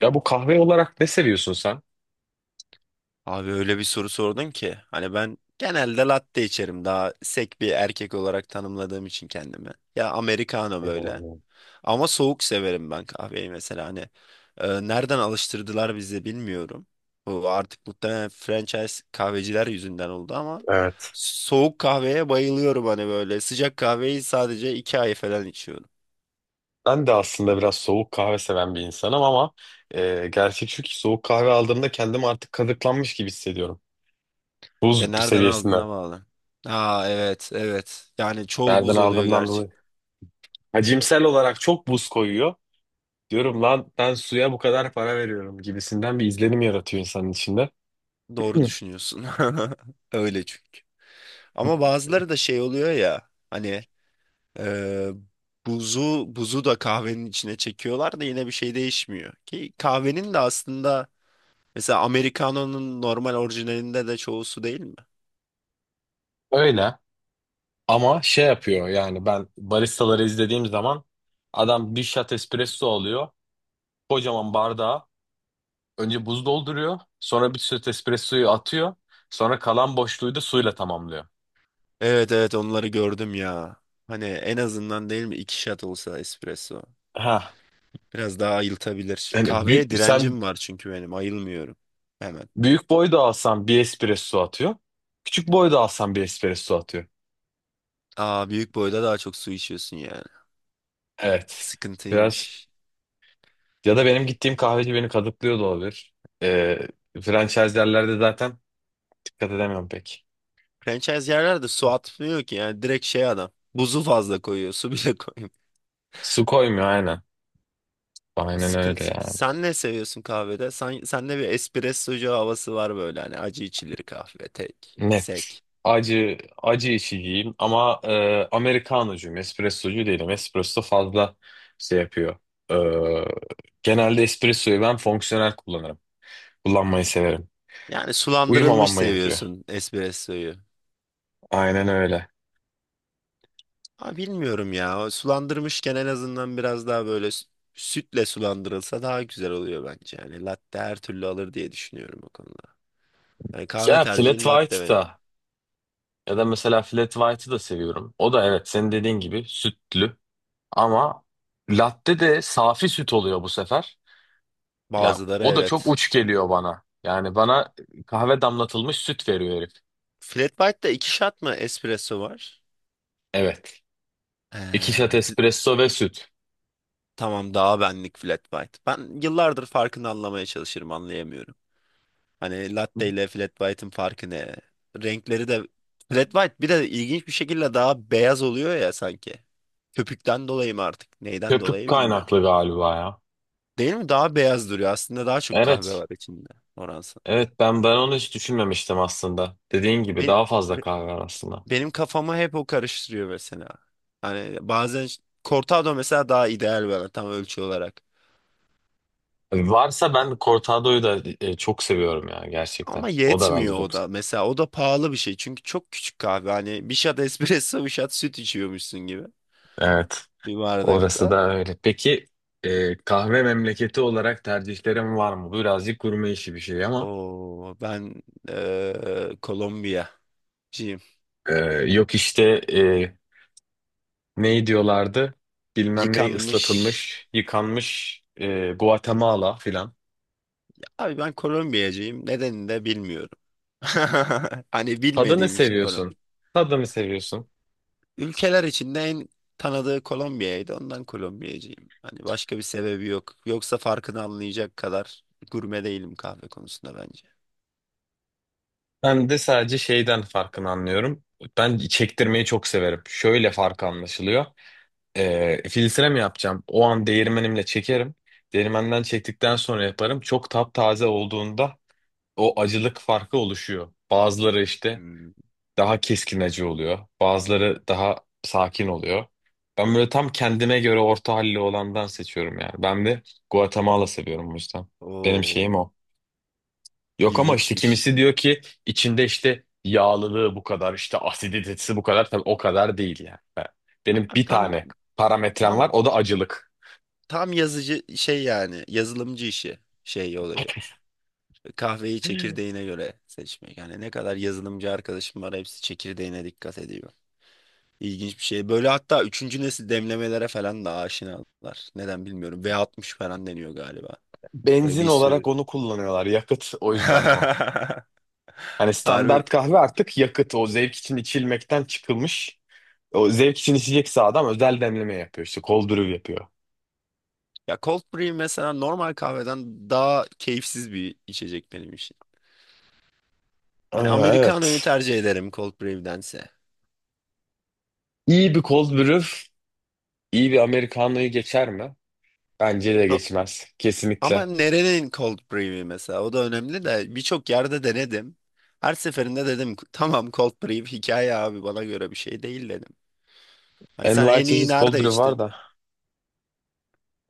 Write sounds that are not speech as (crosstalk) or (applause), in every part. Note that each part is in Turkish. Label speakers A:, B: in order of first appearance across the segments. A: Ya bu kahve olarak ne seviyorsun sen?
B: Abi öyle bir soru sordun ki. Hani ben genelde latte içerim. Daha sek bir erkek olarak tanımladığım için kendimi. Ya americano böyle.
A: Hmm.
B: Ama soğuk severim ben kahveyi mesela. Hani nereden alıştırdılar bizi bilmiyorum. Bu artık muhtemelen franchise kahveciler yüzünden oldu ama
A: Evet.
B: soğuk kahveye bayılıyorum hani böyle. Sıcak kahveyi sadece iki ay falan içiyorum.
A: Ben de aslında biraz soğuk kahve seven bir insanım ama gerçek şu ki soğuk kahve aldığımda kendimi artık kazıklanmış gibi hissediyorum.
B: Ya
A: Buz
B: nereden
A: seviyesinde.
B: aldığına bağlı. Aa, evet, evet. Yani çoğu
A: Nereden
B: buz oluyor.
A: aldığımdan dolayı. Hacimsel olarak çok buz koyuyor. Diyorum lan ben suya bu kadar para veriyorum gibisinden bir izlenim yaratıyor insanın içinde. (clears throat)
B: Doğru
A: Hı.
B: düşünüyorsun. (laughs) Öyle çünkü. Ama bazıları da şey oluyor ya hani e, buzu da kahvenin içine çekiyorlar da yine bir şey değişmiyor. Ki kahvenin de aslında mesela Americano'nun normal orijinalinde de çoğu su değil mi?
A: Öyle ama şey yapıyor yani ben baristaları izlediğim zaman adam bir shot espresso alıyor. Kocaman bardağı önce buz dolduruyor. Sonra bir süt espressoyu atıyor. Sonra kalan boşluğu da suyla tamamlıyor.
B: Evet, evet, onları gördüm ya. Hani en azından değil mi iki shot olsa espresso.
A: Ha.
B: Biraz daha ayıltabilir.
A: Yani büyük,
B: Kahveye
A: sen
B: direncim var çünkü benim ayılmıyorum hemen.
A: büyük boy da alsan bir espresso atıyor. Küçük boy da alsan bir espresso atıyor.
B: Aa, büyük boyda daha çok su içiyorsun yani.
A: Evet. Biraz
B: Sıkıntıymış.
A: ya da benim gittiğim kahveci beni kadıklıyor da olabilir. Ee, franchise yerlerde zaten dikkat edemiyorum pek.
B: Franchise yerler de su atmıyor ki yani direkt şey adam. Buzu fazla koyuyor, su bile (laughs) koymuyor.
A: Su koymuyor aynen. Aynen öyle
B: Sıkıntı.
A: yani.
B: Sen ne seviyorsun kahvede? Sen, sende bir espressocu havası var böyle hani acı içilir kahve tek,
A: Ne
B: sek.
A: acı acı içiciyim ama Amerikanocuyum, espressocu değilim. Espresso fazla şey yapıyor. E, genelde espressoyu ben fonksiyonel kullanırım. Kullanmayı severim.
B: Yani sulandırılmış
A: Uyumamam gerekiyor.
B: seviyorsun espressoyu.
A: Aynen öyle.
B: Ha, bilmiyorum ya. O sulandırmışken en azından biraz daha böyle sütle sulandırılsa daha güzel oluyor bence. Yani latte her türlü alır diye düşünüyorum o konuda. Yani kahve
A: Ya flat
B: tercihim latte
A: white
B: benim.
A: da ya da mesela flat white'ı da seviyorum. O da evet senin dediğin gibi sütlü ama latte de safi süt oluyor bu sefer. Ya
B: Bazıları
A: o da çok
B: evet.
A: uç geliyor bana. Yani bana kahve damlatılmış süt veriyor herif.
B: Flat white'da iki shot mı espresso var?
A: Evet. İki şat
B: Ee, fl-
A: espresso ve süt.
B: tamam, daha benlik flat white. Ben yıllardır farkını anlamaya çalışırım, anlayamıyorum. Hani latte ile flat white'ın farkı ne? Renkleri de flat white bir de ilginç bir şekilde daha beyaz oluyor ya sanki. Köpükten dolayı mı artık? Neyden
A: Köpük
B: dolayı bilmiyorum.
A: kaynaklı galiba ya.
B: Değil mi? Daha beyaz duruyor. Aslında daha çok kahve
A: Evet.
B: var içinde, oransal.
A: Evet ben onu hiç düşünmemiştim aslında. Dediğin gibi
B: Benim,
A: daha fazla kahve var aslında.
B: benim kafamı hep o karıştırıyor mesela. Hani bazen cortado mesela daha ideal bana tam ölçü olarak.
A: Varsa ben cortado'yu da çok seviyorum ya gerçekten.
B: Ama
A: O da bence
B: yetmiyor
A: çok.
B: o da. Mesela o da pahalı bir şey. Çünkü çok küçük kahve. Hani bir shot espresso, bir shot süt içiyormuşsun gibi.
A: Evet.
B: Bir
A: Orası
B: bardakta.
A: da öyle. Peki kahve memleketi olarak tercihlerim var mı? Bu birazcık gurme işi bir şey ama.
B: Oo, ben Kolombiyacıyım.
A: e, yok işte e, ne diyorlardı? Bilmem ne
B: Yıkanmış.
A: ıslatılmış, yıkanmış Guatemala filan.
B: Abi ben Kolombiyacıyım. Nedenini de bilmiyorum. (laughs) Hani
A: Tadını
B: bilmediğim için
A: seviyorsun.
B: Kolombiya.
A: Tadını seviyorsun.
B: Ülkeler içinde en tanıdığı Kolombiya'ydı. Ondan Kolombiyacıyım. Hani başka bir sebebi yok. Yoksa farkını anlayacak kadar gurme değilim kahve konusunda bence.
A: Ben de sadece şeyden farkını anlıyorum. Ben çektirmeyi çok severim. Şöyle farkı anlaşılıyor. Filtre mi yapacağım? O an değirmenimle çekerim. Değirmenden çektikten sonra yaparım. Çok taptaze olduğunda o acılık farkı oluşuyor. Bazıları işte
B: Hmm.
A: daha keskin acı oluyor. Bazıları daha sakin oluyor. Ben böyle tam kendime göre orta halli olandan seçiyorum yani. Ben de Guatemala seviyorum bu yüzden. Benim
B: Oo.
A: şeyim o. Yok ama işte
B: İlginçmiş.
A: kimisi diyor ki içinde işte yağlılığı bu kadar, işte asiditesi bu kadar. Tabii o kadar değil yani. Ben- benim
B: Abi
A: bir
B: tam
A: tane parametrem
B: tam
A: var, o da acılık.
B: tam yazıcı şey yani yazılımcı işi şey olayı.
A: (laughs)
B: Kahveyi çekirdeğine göre seçmek. Yani ne kadar yazılımcı arkadaşım var hepsi çekirdeğine dikkat ediyor. İlginç bir şey. Böyle hatta üçüncü nesil demlemelere falan da aşinalar. Neden bilmiyorum. V60 falan deniyor galiba. Böyle
A: Benzin
B: bir sürü.
A: olarak onu kullanıyorlar, yakıt o yüzden o.
B: (laughs)
A: Hani
B: Harbi.
A: standart kahve artık yakıt, o zevk için içilmekten çıkılmış. O zevk için içecekse adam özel demleme yapıyor işte, cold brew yapıyor.
B: Ya cold brew mesela normal kahveden daha keyifsiz bir içecek benim için. Hani
A: Aa,
B: Americano'yu
A: evet.
B: tercih ederim cold brew'dense.
A: İyi bir cold brew, iyi bir Americano'yu geçer mi? Bence de geçmez, kesinlikle.
B: Ama nerenin cold brew'i mesela o da önemli de birçok yerde denedim. Her seferinde dedim tamam, cold brew hikaye abi, bana göre bir şey değil dedim. Hani sen
A: Envai
B: en iyi
A: çeşit cold
B: nerede
A: brew var
B: içtin?
A: da.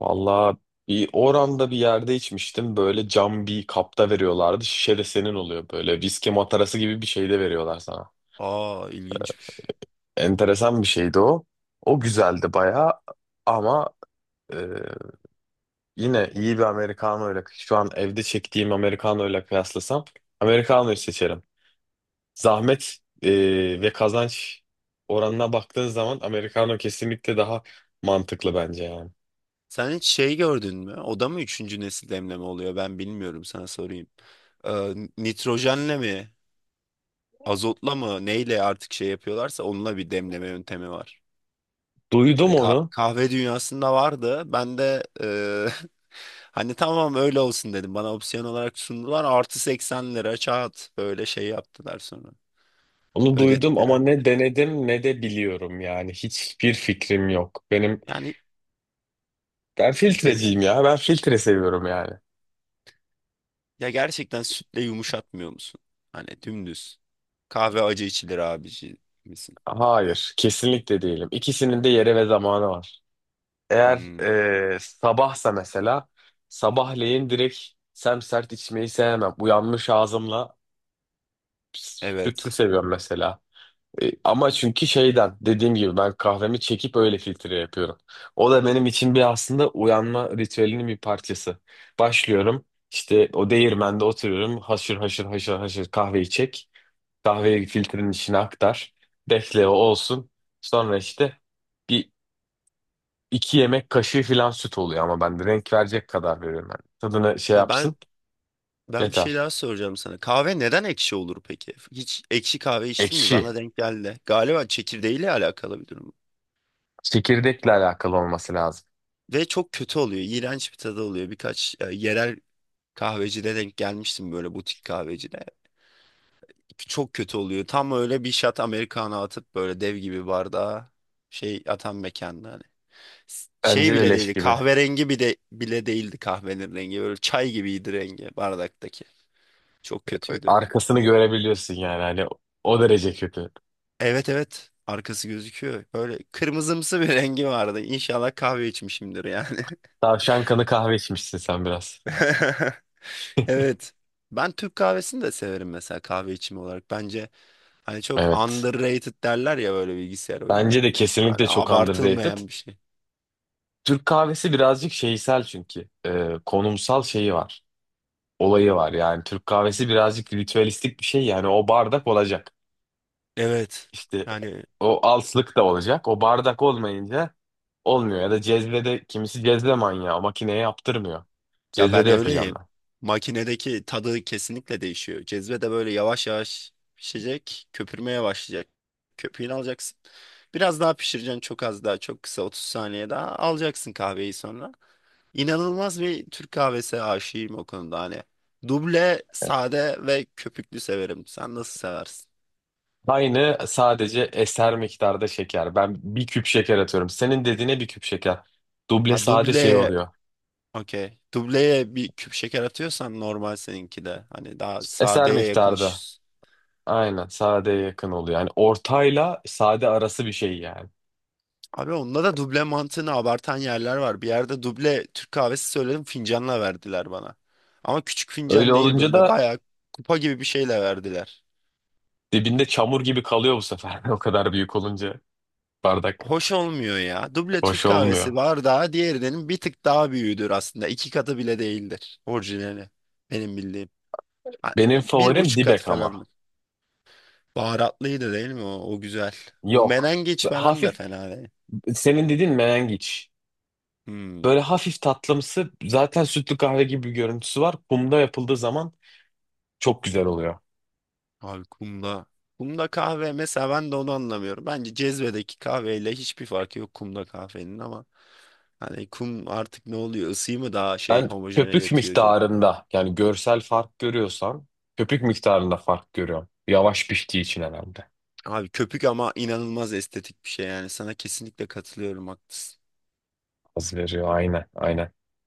A: Valla bir oranda bir yerde içmiştim. Böyle cam bir kapta veriyorlardı. Şişe de senin oluyor böyle. Viski matarası gibi bir şey de veriyorlar sana.
B: Aa, ilginçmiş.
A: Enteresan bir şeydi o. O güzeldi baya ama e, yine iyi bir Americano ile şu an evde çektiğim Americano ile kıyaslasam Americano'yu seçerim. Zahmet ve kazanç oranına baktığın zaman Americano kesinlikle daha mantıklı bence yani.
B: Sen hiç şey gördün mü? O da mı üçüncü nesil demleme oluyor? Ben bilmiyorum, sana sorayım. Nitrojenle mi? Azotla mı? Neyle artık şey yapıyorlarsa onunla bir demleme yöntemi var.
A: Duydum onu.
B: Kahve dünyasında vardı. Ben de (laughs) hani tamam öyle olsun dedim. Bana opsiyon olarak sundular. Artı 80 lira kağıt böyle şey yaptılar sonra.
A: Onu duydum ama
B: Ödettiler.
A: ne denedim ne de biliyorum yani. Hiçbir fikrim yok. Benim
B: Yani
A: ben
B: de-
A: filtreciyim ya. Ben filtre seviyorum yani.
B: Ya gerçekten sütle yumuşatmıyor musun? Hani dümdüz. Kahve acı içilir abici misin?
A: Hayır, kesinlikle değilim. İkisinin de yeri ve zamanı var. Eğer
B: Hmm,
A: sabahsa mesela sabahleyin direkt semsert içmeyi sevmem. Uyanmış ağzımla sütlü
B: evet.
A: seviyorum mesela. Ama çünkü şeyden dediğim gibi ben kahvemi çekip öyle filtre yapıyorum. O da benim için bir aslında uyanma ritüelinin bir parçası. Başlıyorum işte o değirmende oturuyorum haşır haşır haşır haşır kahveyi çek. Kahveyi filtrenin içine aktar. Bekle o olsun. Sonra işte bir iki yemek kaşığı falan süt oluyor ama ben de renk verecek kadar veriyorum. Yani tadını şey
B: Ya ben
A: yapsın
B: Ben bir şey
A: yeter.
B: daha soracağım sana. Kahve neden ekşi olur peki? Hiç ekşi kahve içtin mi?
A: Ekşi.
B: Bana denk geldi. Galiba çekirdeğiyle alakalı bir durum.
A: Çekirdekle alakalı olması lazım.
B: Ve çok kötü oluyor. İğrenç bir tadı oluyor. Birkaç yerel kahvecide denk gelmiştim, böyle butik kahvecide. Çok kötü oluyor. Tam öyle bir shot Americano atıp böyle dev gibi bardağa şey atan mekanda hani. Şey
A: Bence de
B: bile
A: leş
B: değildi.
A: gibi.
B: Kahverengi bir de bile değildi kahvenin rengi. Böyle çay gibiydi rengi bardaktaki. Çok kötüydü.
A: Arkasını görebiliyorsun yani hani o derece kötü.
B: Evet, evet. Arkası gözüküyor. Böyle kırmızımsı bir (laughs) rengi vardı. İnşallah kahve içmişimdir yani.
A: Tavşan kanı kahve içmişsin sen biraz.
B: (laughs) Evet. Ben Türk kahvesini de severim mesela, kahve içimi olarak. Bence hani çok
A: Evet.
B: underrated derler ya böyle bilgisayar
A: Bence
B: oyunlarında.
A: de
B: Hani
A: kesinlikle çok underrated.
B: abartılmayan bir şey.
A: Türk kahvesi birazcık şeysel çünkü. Konumsal şeyi var. Olayı var yani. Türk kahvesi birazcık ritüelistik bir şey yani. O bardak olacak.
B: Evet.
A: İşte
B: Yani
A: o alslık da olacak. O bardak olmayınca olmuyor. Ya da cezvede kimisi cezve manyağı. Makineye yaptırmıyor.
B: ya ben
A: Cezvede yapacağım
B: öyleyim. Makinedeki tadı kesinlikle değişiyor. Cezve de böyle yavaş yavaş pişecek, köpürmeye başlayacak. Köpüğünü alacaksın. Biraz daha pişireceksin, çok az daha, çok kısa, 30 saniye daha alacaksın kahveyi sonra. İnanılmaz bir Türk kahvesi aşığıyım o konuda hani. Duble, sade ve köpüklü severim. Sen nasıl seversin?
A: aynı sadece eser miktarda şeker. Ben bir küp şeker atıyorum. Senin dediğine bir küp şeker. Duble
B: Ha,
A: sade şey
B: dubleye,
A: oluyor.
B: okey. Dubleye bir küp şeker atıyorsan normal seninki de. Hani daha
A: Eser
B: sadeye yakın
A: miktarda.
B: iş.
A: Aynen sadeye yakın oluyor. Yani ortayla sade arası bir şey yani.
B: Abi onda da duble mantığını abartan yerler var. Bir yerde duble Türk kahvesi söyledim, fincanla verdiler bana. Ama küçük
A: Öyle
B: fincan değil,
A: olunca
B: böyle
A: da
B: bayağı kupa gibi bir şeyle verdiler.
A: dibinde çamur gibi kalıyor bu sefer. (laughs) O kadar büyük olunca bardak
B: Hoş olmuyor ya. Duble Türk
A: hoş olmuyor.
B: kahvesi bardağı diğerinin bir tık daha büyüğüdür aslında. İki katı bile değildir orijinali. Benim bildiğim. Ha,
A: Benim
B: bir
A: favorim
B: buçuk katı
A: dibek ama.
B: falandır. Baharatlıydı değil mi o? O güzel. Bu
A: Yok.
B: menengiç falan da
A: Hafif
B: fena değil.
A: senin dediğin menengiç.
B: Hmm.
A: Böyle hafif tatlımsı zaten sütlü kahve gibi bir görüntüsü var. Kumda yapıldığı zaman çok güzel oluyor.
B: Abi kumda. Kumda kahve mesela, ben de onu anlamıyorum. Bence cezvedeki kahveyle hiçbir farkı yok kumda kahvenin ama hani kum artık ne oluyor? Isıyı mı daha şey
A: Ben köpük
B: homojeneletiyor.
A: miktarında yani görsel fark görüyorsam köpük miktarında fark görüyorum. Yavaş piştiği için herhalde.
B: Abi köpük ama inanılmaz estetik bir şey yani. Sana kesinlikle katılıyorum, haklısın.
A: Az veriyor aynen aynen.